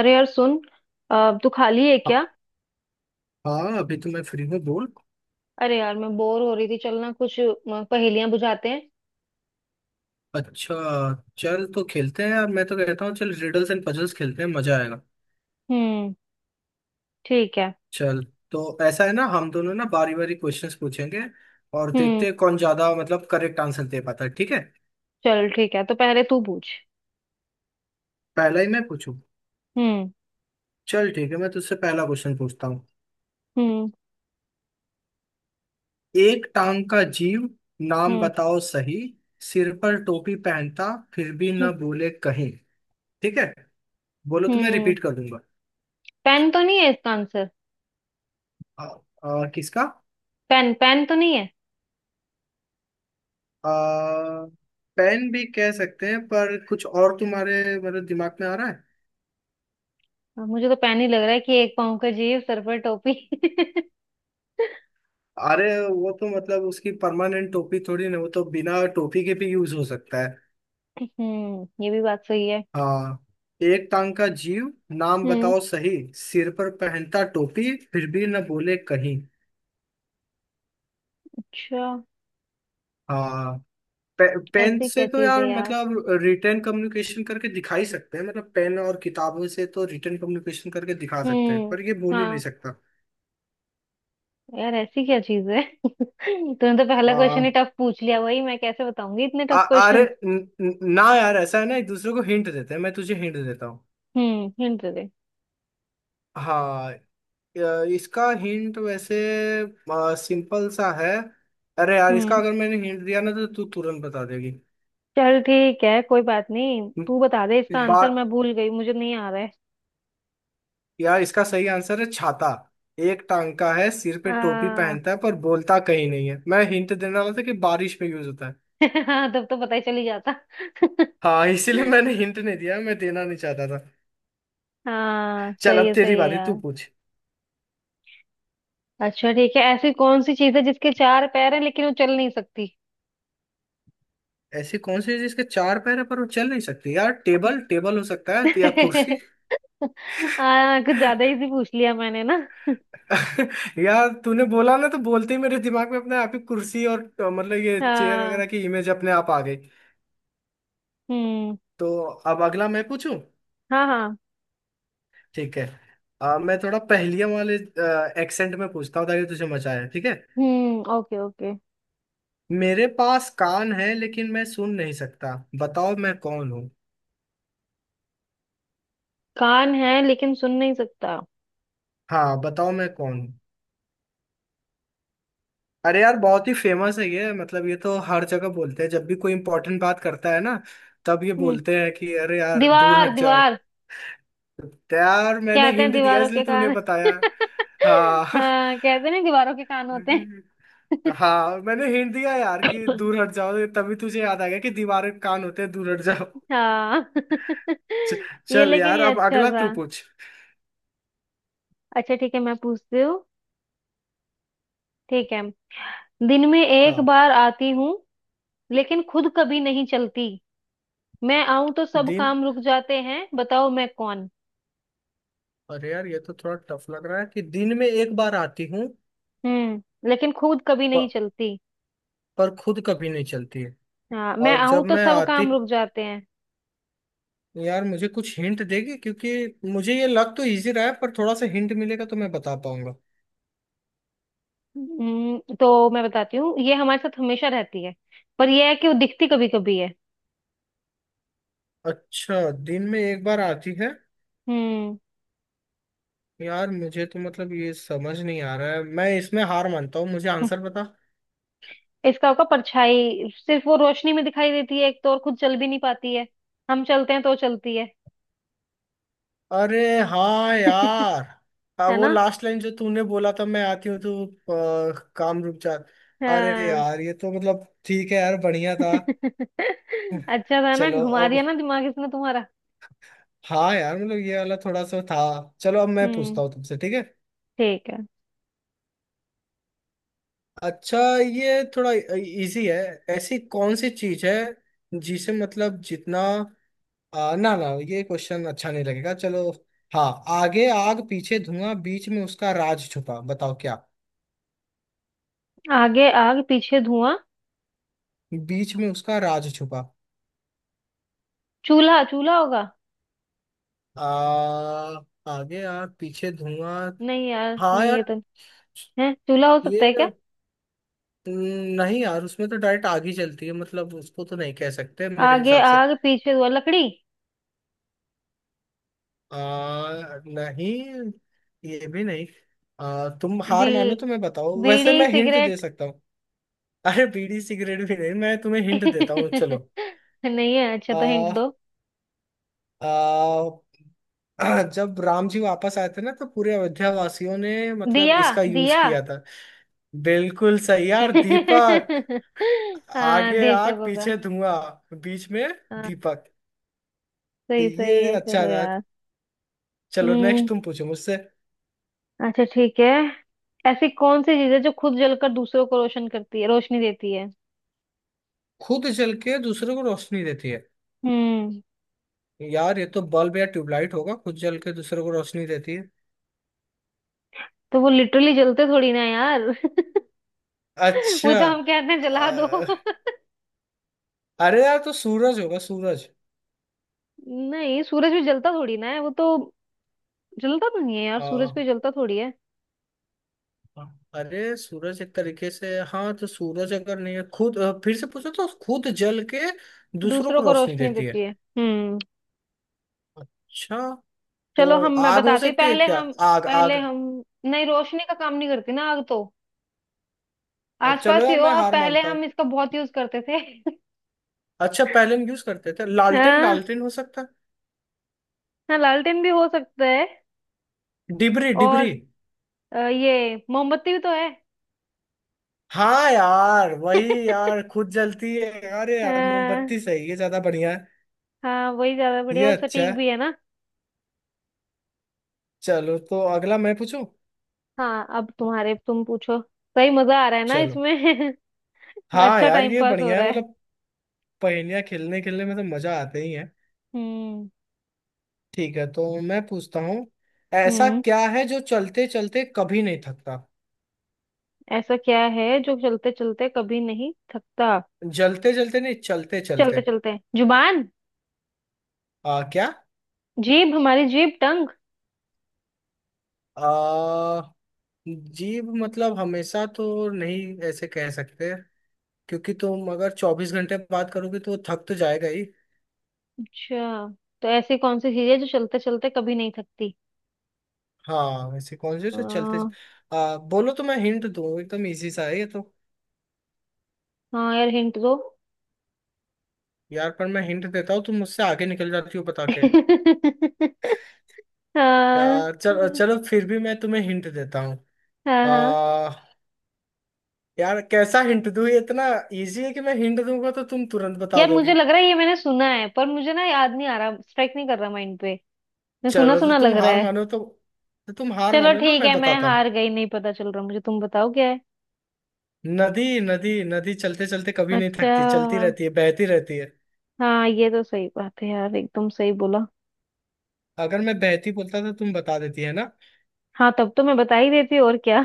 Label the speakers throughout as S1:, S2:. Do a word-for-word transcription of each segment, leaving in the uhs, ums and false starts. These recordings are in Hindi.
S1: अरे यार सुन। अब तू खाली है क्या?
S2: हाँ हाँ, अभी तो मैं फ्री हूँ, बोल।
S1: अरे यार, मैं बोर हो रही थी। चल ना कुछ अ, पहेलियां बुझाते हैं।
S2: अच्छा। चल, तो खेलते हैं यार, मैं तो कहता हूँ चल रिडल्स एंड पजल्स खेलते हैं, मजा आएगा।
S1: हम्म। ठीक है।
S2: चल। तो ऐसा है ना, हम दोनों ना बारी बारी क्वेश्चंस पूछेंगे और
S1: हम्म।
S2: देखते हैं कौन ज्यादा मतलब करेक्ट आंसर दे पाता है, ठीक है।
S1: चल ठीक है, तो पहले तू पूछ।
S2: पहला ही मैं पूछूं?
S1: हम्म।
S2: चल ठीक है, मैं तुझसे पहला क्वेश्चन पूछता हूँ।
S1: हम्म।
S2: एक टांग का जीव नाम
S1: हम्म।
S2: बताओ सही, सिर पर टोपी पहनता फिर भी
S1: हम्म।
S2: ना बोले कहीं। ठीक है, बोलो तो मैं
S1: हम्म।
S2: रिपीट कर दूंगा।
S1: पेन तो नहीं है इसका आंसर?
S2: आ, आ, किसका?
S1: पेन पेन तो नहीं है।
S2: आ, पेन भी कह सकते हैं, पर कुछ और तुम्हारे मतलब दिमाग में आ रहा है।
S1: अब मुझे तो पेन ही लग रहा है कि एक पाँव का जीव, सर पर टोपी।
S2: अरे वो तो मतलब उसकी परमानेंट टोपी थोड़ी ना, वो तो बिना टोपी के भी यूज हो सकता है।
S1: हम्म, ये भी बात सही है।
S2: हाँ। एक टांग का जीव नाम
S1: हम्म।
S2: बताओ सही, सिर पर पहनता टोपी फिर भी न बोले कहीं।
S1: अच्छा।
S2: हाँ। पे, पेन
S1: ऐसी
S2: से
S1: क्या
S2: तो
S1: चीज
S2: यार
S1: है यार?
S2: मतलब रिटर्न कम्युनिकेशन करके दिखा ही सकते हैं, मतलब पेन और किताबों से तो रिटर्न कम्युनिकेशन करके दिखा सकते हैं
S1: हम्म।
S2: पर ये बोल ही नहीं
S1: हाँ।
S2: सकता।
S1: यार, ऐसी क्या चीज है? तूने तो पहला क्वेश्चन ही
S2: हाँ।
S1: टफ पूछ लिया। वही मैं कैसे बताऊंगी इतने
S2: आ-
S1: टफ
S2: अरे
S1: क्वेश्चन?
S2: न- न- ना यार, ऐसा है ना एक दूसरे को हिंट देते हैं, मैं तुझे हिंट देता हूँ।
S1: हम्म, हिंट दे।
S2: हाँ। अ, इसका हिंट वैसे सिंपल सा है। अरे यार, इसका
S1: हम्म।
S2: अगर मैंने हिंट दिया ना तो तू तुरंत बता देगी।
S1: चल ठीक है, कोई बात नहीं। तू बता दे इसका आंसर।
S2: बात।
S1: मैं भूल गई, मुझे नहीं आ रहा है।
S2: यार, इसका सही आंसर है छाता। एक टांग का है, सिर पे टोपी
S1: आ,
S2: पहनता है, पर बोलता कहीं नहीं है। मैं हिंट देने वाला था कि बारिश में यूज होता है।
S1: हाँ, तब तो पता ही चली जाता।
S2: हाँ, इसीलिए मैंने हिंट नहीं दिया, मैं देना नहीं चाहता था।
S1: हाँ,
S2: चल,
S1: सही
S2: अब
S1: है,
S2: तेरी
S1: सही है
S2: बारी, तू
S1: यार।
S2: पूछ।
S1: अच्छा ठीक है। ऐसी कौन सी चीज है जिसके चार पैर हैं लेकिन वो चल नहीं सकती?
S2: ऐसी कौन सी है जिसके चार पैर है पर वो चल नहीं सकती? यार टेबल टेबल हो सकता है या कुर्सी।
S1: आ, कुछ ज्यादा इजी पूछ लिया मैंने ना।
S2: यार तूने बोला ना, तो बोलते ही मेरे दिमाग में अपने आप ही कुर्सी और अ, मतलब ये चेयर
S1: हाँ।
S2: वगैरह की इमेज अपने आप आ गई।
S1: हम्म।
S2: तो अब अगला मैं पूछूं?
S1: हाँ। हाँ।
S2: ठीक है। अ, मैं थोड़ा पहेलियां वाले एक्सेंट में पूछता हूँ ताकि तुझे मजा आए, ठीक है।
S1: हम्म। Okay, okay.
S2: मेरे पास कान है लेकिन मैं सुन नहीं सकता, बताओ मैं कौन हूँ?
S1: कान है लेकिन सुन नहीं सकता।
S2: हाँ, बताओ मैं कौन। अरे यार बहुत ही फेमस है ये, मतलब ये तो हर जगह बोलते हैं, जब भी कोई इंपॉर्टेंट बात करता है ना तब ये
S1: हम्म।
S2: बोलते हैं कि अरे यार दूर
S1: दीवार,
S2: हट जाओ।
S1: दीवार।
S2: तो यार, मैंने
S1: कहते हैं
S2: हिंट दिया
S1: दीवारों
S2: इसलिए
S1: के
S2: तूने
S1: कान।
S2: बताया। हाँ।
S1: हाँ, कहते नहीं, दीवारों के कान होते हैं।
S2: हाँ मैंने हिंट दिया यार कि दूर हट जाओ, तभी तुझे याद आ गया कि दीवार के कान होते हैं दूर हट जाओ।
S1: हाँ।
S2: च-
S1: ये,
S2: चल
S1: लेकिन
S2: यार,
S1: ये
S2: अब
S1: अच्छा
S2: अगला
S1: था।
S2: तू पूछ।
S1: अच्छा ठीक है, मैं पूछती हूँ। ठीक है। दिन में एक
S2: हाँ।
S1: बार आती हूँ, लेकिन खुद कभी नहीं चलती। मैं आऊं तो सब
S2: दिन।
S1: काम रुक जाते हैं। बताओ मैं कौन?
S2: अरे यार ये तो थोड़ा टफ लग रहा है कि दिन में एक बार आती हूँ।
S1: हम्म, लेकिन खुद कभी नहीं
S2: प-
S1: चलती।
S2: पर खुद कभी नहीं चलती है।
S1: हाँ, मैं
S2: और
S1: आऊं
S2: जब
S1: तो
S2: मैं
S1: सब
S2: आती,
S1: काम रुक जाते हैं।
S2: यार मुझे कुछ हिंट देगी क्योंकि मुझे ये लग तो इजी रहा है, पर थोड़ा सा हिंट मिलेगा तो मैं बता पाऊंगा।
S1: हम्म, तो मैं बताती हूँ, ये हमारे साथ हमेशा रहती है। पर यह है कि वो दिखती कभी कभी है।
S2: अच्छा, दिन में एक बार आती है।
S1: हम्म।
S2: यार मुझे तो मतलब ये समझ नहीं आ रहा है, मैं इसमें हार मानता हूँ, मुझे आंसर बता।
S1: इसका होगा परछाई। सिर्फ वो रोशनी में दिखाई देती है एक तो, और खुद चल भी नहीं पाती है। हम चलते हैं तो चलती है।
S2: अरे। हाँ यार। हाँ,
S1: है
S2: वो
S1: ना?
S2: लास्ट लाइन जो तूने बोला था, मैं आती हूँ तो अ, काम रुक जा। अरे
S1: हाँ।
S2: यार ये तो मतलब ठीक है यार, बढ़िया था।
S1: अच्छा था ना?
S2: चलो
S1: घुमा
S2: अब।
S1: दिया ना दिमाग इसने तुम्हारा?
S2: हाँ यार, मतलब ये वाला थोड़ा सा था। चलो अब मैं
S1: हम्म।
S2: पूछता हूँ तुमसे, ठीक है।
S1: ठीक है।
S2: अच्छा, ये थोड़ा इजी है। ऐसी कौन सी चीज है जिसे मतलब जितना, आ, ना ना ये क्वेश्चन अच्छा नहीं लगेगा, चलो। हाँ। आगे आग पीछे धुआं, बीच में उसका राज छुपा, बताओ क्या?
S1: आगे आग पीछे धुआं।
S2: बीच में उसका राज छुपा।
S1: चूल्हा, चूल्हा होगा।
S2: आ, आगे आग पीछे धुआं।
S1: नहीं यार,
S2: हाँ
S1: नहीं,
S2: यार
S1: ये तो है। चूल्हा हो सकता है
S2: ये
S1: क्या?
S2: न- नहीं यार उसमें तो डायरेक्ट आग ही चलती है, मतलब उसको तो नहीं कह सकते मेरे
S1: आगे
S2: हिसाब से।
S1: आग पीछे धुआं, लकड़ी।
S2: आ, नहीं, ये भी नहीं। आ, तुम
S1: बी
S2: हार मानो तो मैं बताओ, वैसे
S1: बीड़ी
S2: मैं हिंट दे
S1: सिगरेट।
S2: सकता हूँ। अरे बीड़ी सिगरेट भी नहीं, मैं तुम्हें हिंट देता हूँ, चलो।
S1: नहीं है। अच्छा,
S2: आ,
S1: तो हिंट दो।
S2: आ, जब राम जी वापस आए थे ना तो पूरे अयोध्या वासियों ने मतलब
S1: दिया।
S2: इसका यूज
S1: दिया।
S2: किया था। बिल्कुल सही यार, दीपक।
S1: हाँ,
S2: आगे आग
S1: दीपक होगा।
S2: पीछे धुआं बीच में
S1: हाँ।
S2: दीपक। तो
S1: सही सही
S2: ये
S1: है, चलो
S2: अच्छा था।
S1: यार।
S2: चलो नेक्स्ट
S1: हम्म।
S2: तुम पूछो मुझसे।
S1: अच्छा ठीक है। ऐसी कौन सी चीज है जो खुद जलकर दूसरों को रोशन करती है, रोशनी देती है?
S2: खुद जल के दूसरे को रोशनी देती है?
S1: हम्म,
S2: यार ये तो बल्ब या ट्यूबलाइट होगा, खुद जल के दूसरे को रोशनी देती है।
S1: तो वो लिटरली जलते थोड़ी ना है यार। वो
S2: अच्छा।
S1: तो हम कहते हैं जला दो।
S2: अ, अरे यार तो सूरज होगा, सूरज।
S1: नहीं, सूरज भी जलता थोड़ी ना है वो तो। जलता तो नहीं है यार, सूरज
S2: अ,
S1: भी जलता थोड़ी है।
S2: अरे सूरज एक तरीके से, हाँ। तो सूरज अगर नहीं है, खुद अ, फिर से पूछो, तो खुद जल के दूसरों
S1: दूसरों
S2: को
S1: को
S2: रोशनी
S1: रोशनी
S2: देती
S1: देती
S2: है।
S1: है। हम्म।
S2: अच्छा। तो
S1: चलो, हम मैं
S2: आग हो
S1: बताती।
S2: सकती है
S1: पहले
S2: क्या?
S1: हम
S2: आग
S1: पहले
S2: आग।
S1: हम नहीं, रोशनी का काम नहीं करती ना आग तो।
S2: अ, चलो
S1: आसपास ही
S2: यार,
S1: हो
S2: मैं
S1: आप,
S2: हार
S1: पहले
S2: मानता हूँ।
S1: हम इसका बहुत यूज करते थे।
S2: अच्छा, पहले हम यूज करते थे लालटेन,
S1: हाँ।
S2: लालटेन हो सकता
S1: हाँ, लालटेन भी हो सकता है।
S2: है। डिबरी
S1: और
S2: डिबरी?
S1: अ, ये मोमबत्ती भी तो है।
S2: हाँ यार वही यार, खुद जलती है यार, ये यार
S1: हाँ।
S2: मोमबत्ती सही है, ज्यादा बढ़िया है।
S1: हाँ, वही ज्यादा
S2: ये
S1: बढ़िया और
S2: अच्छा
S1: सटीक
S2: है।
S1: भी है ना।
S2: चलो तो अगला मैं पूछूं।
S1: हाँ, अब तुम्हारे तुम पूछो। सही मजा आ रहा है ना
S2: चलो।
S1: इसमें?
S2: हाँ
S1: अच्छा
S2: यार
S1: टाइम
S2: ये
S1: पास हो
S2: बढ़िया
S1: रहा
S2: है,
S1: है।
S2: मतलब पहेलियां खेलने खेलने में तो मजा आते ही है।
S1: हम्म।
S2: ठीक है, तो मैं पूछता हूँ। ऐसा
S1: हम्म।
S2: क्या है जो चलते चलते कभी नहीं थकता?
S1: ऐसा क्या है जो चलते चलते कभी नहीं थकता?
S2: जलते जलते नहीं, चलते
S1: चलते
S2: चलते।
S1: चलते, जुबान।
S2: आ क्या?
S1: जीभ, हमारी जीभ, टंग।
S2: आ जीभ मतलब हमेशा तो नहीं ऐसे कह सकते, क्योंकि तुम अगर चौबीस घंटे बात करोगे तो वो थक तो जाएगा ही।
S1: अच्छा, तो ऐसी कौन सी चीज है जो चलते चलते कभी नहीं थकती?
S2: हाँ वैसे कौन से
S1: आ,
S2: से चलते। आ, बोलो तो मैं हिंट दूँ, एकदम इजी सा है ये तो।
S1: हाँ यार, हिंट दो।
S2: यार पर मैं हिंट देता हूँ तुम मुझसे आगे निकल जाती हो बता के।
S1: हाँ,
S2: यार चल, चलो फिर भी मैं तुम्हें हिंट देता हूँ।
S1: हाँ, हाँ।
S2: आ यार कैसा हिंट दूँ, ये इतना इजी है कि मैं हिंट दूंगा तो तुम तुरंत बता
S1: यार,
S2: दोगी।
S1: मुझे लग रहा है ये मैंने सुना है, पर मुझे ना याद नहीं आ रहा, स्ट्राइक नहीं कर रहा माइंड पे। मैं सुना
S2: चलो तो
S1: सुना
S2: तुम
S1: लग रहा
S2: हार
S1: है।
S2: मानो तो, तो तुम हार
S1: चलो
S2: मानो ना
S1: ठीक
S2: मैं
S1: है, मैं
S2: बताता
S1: हार
S2: हूँ।
S1: गई। नहीं पता चल रहा मुझे, तुम बताओ क्या है।
S2: नदी। नदी नदी चलते चलते कभी नहीं थकती, चलती
S1: अच्छा।
S2: रहती है, बहती रहती है।
S1: हाँ, ये तो सही बात है यार, एकदम सही बोला।
S2: अगर मैं बहती बोलता तो तुम बता देती है ना।
S1: हाँ, तब तो मैं बता ही देती, और क्या।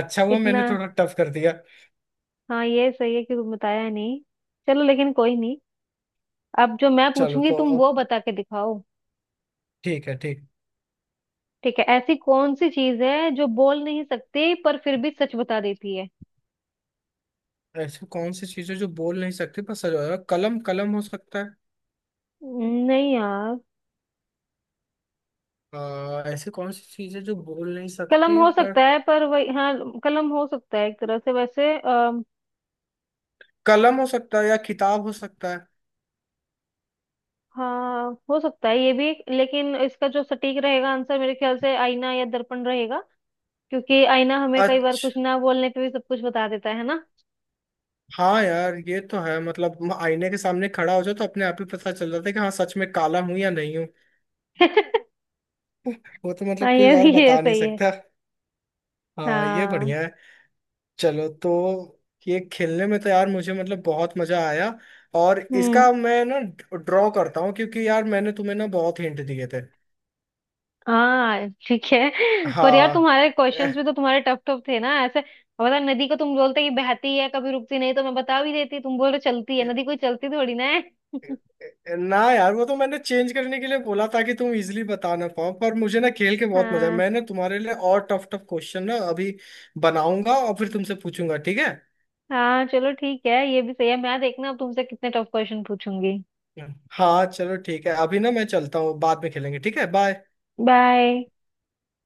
S2: अच्छा हुआ मैंने
S1: इतना।
S2: थोड़ा टफ कर दिया।
S1: हाँ, ये सही है कि तुम बताया नहीं। चलो, लेकिन कोई नहीं। अब जो मैं
S2: चलो
S1: पूछूंगी,
S2: तो
S1: तुम वो
S2: अब।
S1: बता के दिखाओ।
S2: ठीक है, ठीक।
S1: ठीक है। ऐसी कौन सी चीज है जो बोल नहीं सकती पर फिर भी सच बता देती है?
S2: ऐसी कौन सी चीजें जो बोल नहीं सकती पर सजा होगा? कलम कलम हो सकता है।
S1: नहीं यार।
S2: आ, ऐसी कौन सी चीजें जो बोल नहीं
S1: कलम
S2: सकती
S1: हो
S2: पर,
S1: सकता है, पर वही, हाँ। कलम हो सकता है एक तरह से वैसे। आ,
S2: कलम हो सकता है या किताब हो सकता है।
S1: हाँ, हो सकता है ये भी, लेकिन इसका जो सटीक रहेगा आंसर मेरे ख्याल से आईना या दर्पण रहेगा। क्योंकि आईना हमें कई बार
S2: अच्छा।
S1: कुछ ना बोलने पे भी सब कुछ बता देता है ना।
S2: हाँ यार ये तो है, मतलब म- आईने के सामने खड़ा हो जाओ तो अपने आप ही पता चल जाता है कि हाँ सच में काला हूँ या नहीं हूँ। वो तो
S1: हाँ,
S2: मतलब कोई
S1: ये
S2: और
S1: भी, ये
S2: बता नहीं
S1: सही है।
S2: सकता। हाँ ये
S1: हाँ।
S2: बढ़िया है। चलो तो, ये खेलने में तो यार मुझे मतलब बहुत मजा आया, और
S1: हम्म।
S2: इसका मैं ना ड्रॉ करता हूँ, क्योंकि यार मैंने तुम्हें ना बहुत हिंट दिए थे।
S1: हाँ ठीक है, पर यार
S2: हाँ।
S1: तुम्हारे क्वेश्चंस
S2: एह,
S1: भी तो तुम्हारे टफ टफ थे ना ऐसे। अब बता, नदी को तुम बोलते कि बहती है कभी रुकती नहीं, तो मैं बता भी देती। तुम बोल रहे चलती है,
S2: एह,
S1: नदी कोई चलती थोड़ी ना है।
S2: एह, ना यार, वो तो मैंने चेंज करने के लिए बोला ताकि तुम इजीली बता ना पाओ, पर मुझे ना खेल के बहुत मजा है,
S1: हाँ।
S2: मैंने तुम्हारे लिए और टफ टफ क्वेश्चन ना अभी बनाऊंगा और फिर तुमसे पूछूंगा, ठीक है।
S1: हाँ, चलो ठीक है, ये भी सही है। मैं देखना अब तुमसे कितने टफ क्वेश्चन पूछूंगी।
S2: हाँ चलो ठीक है, अभी ना मैं चलता हूँ, बाद में खेलेंगे, ठीक है, बाय।
S1: बाय।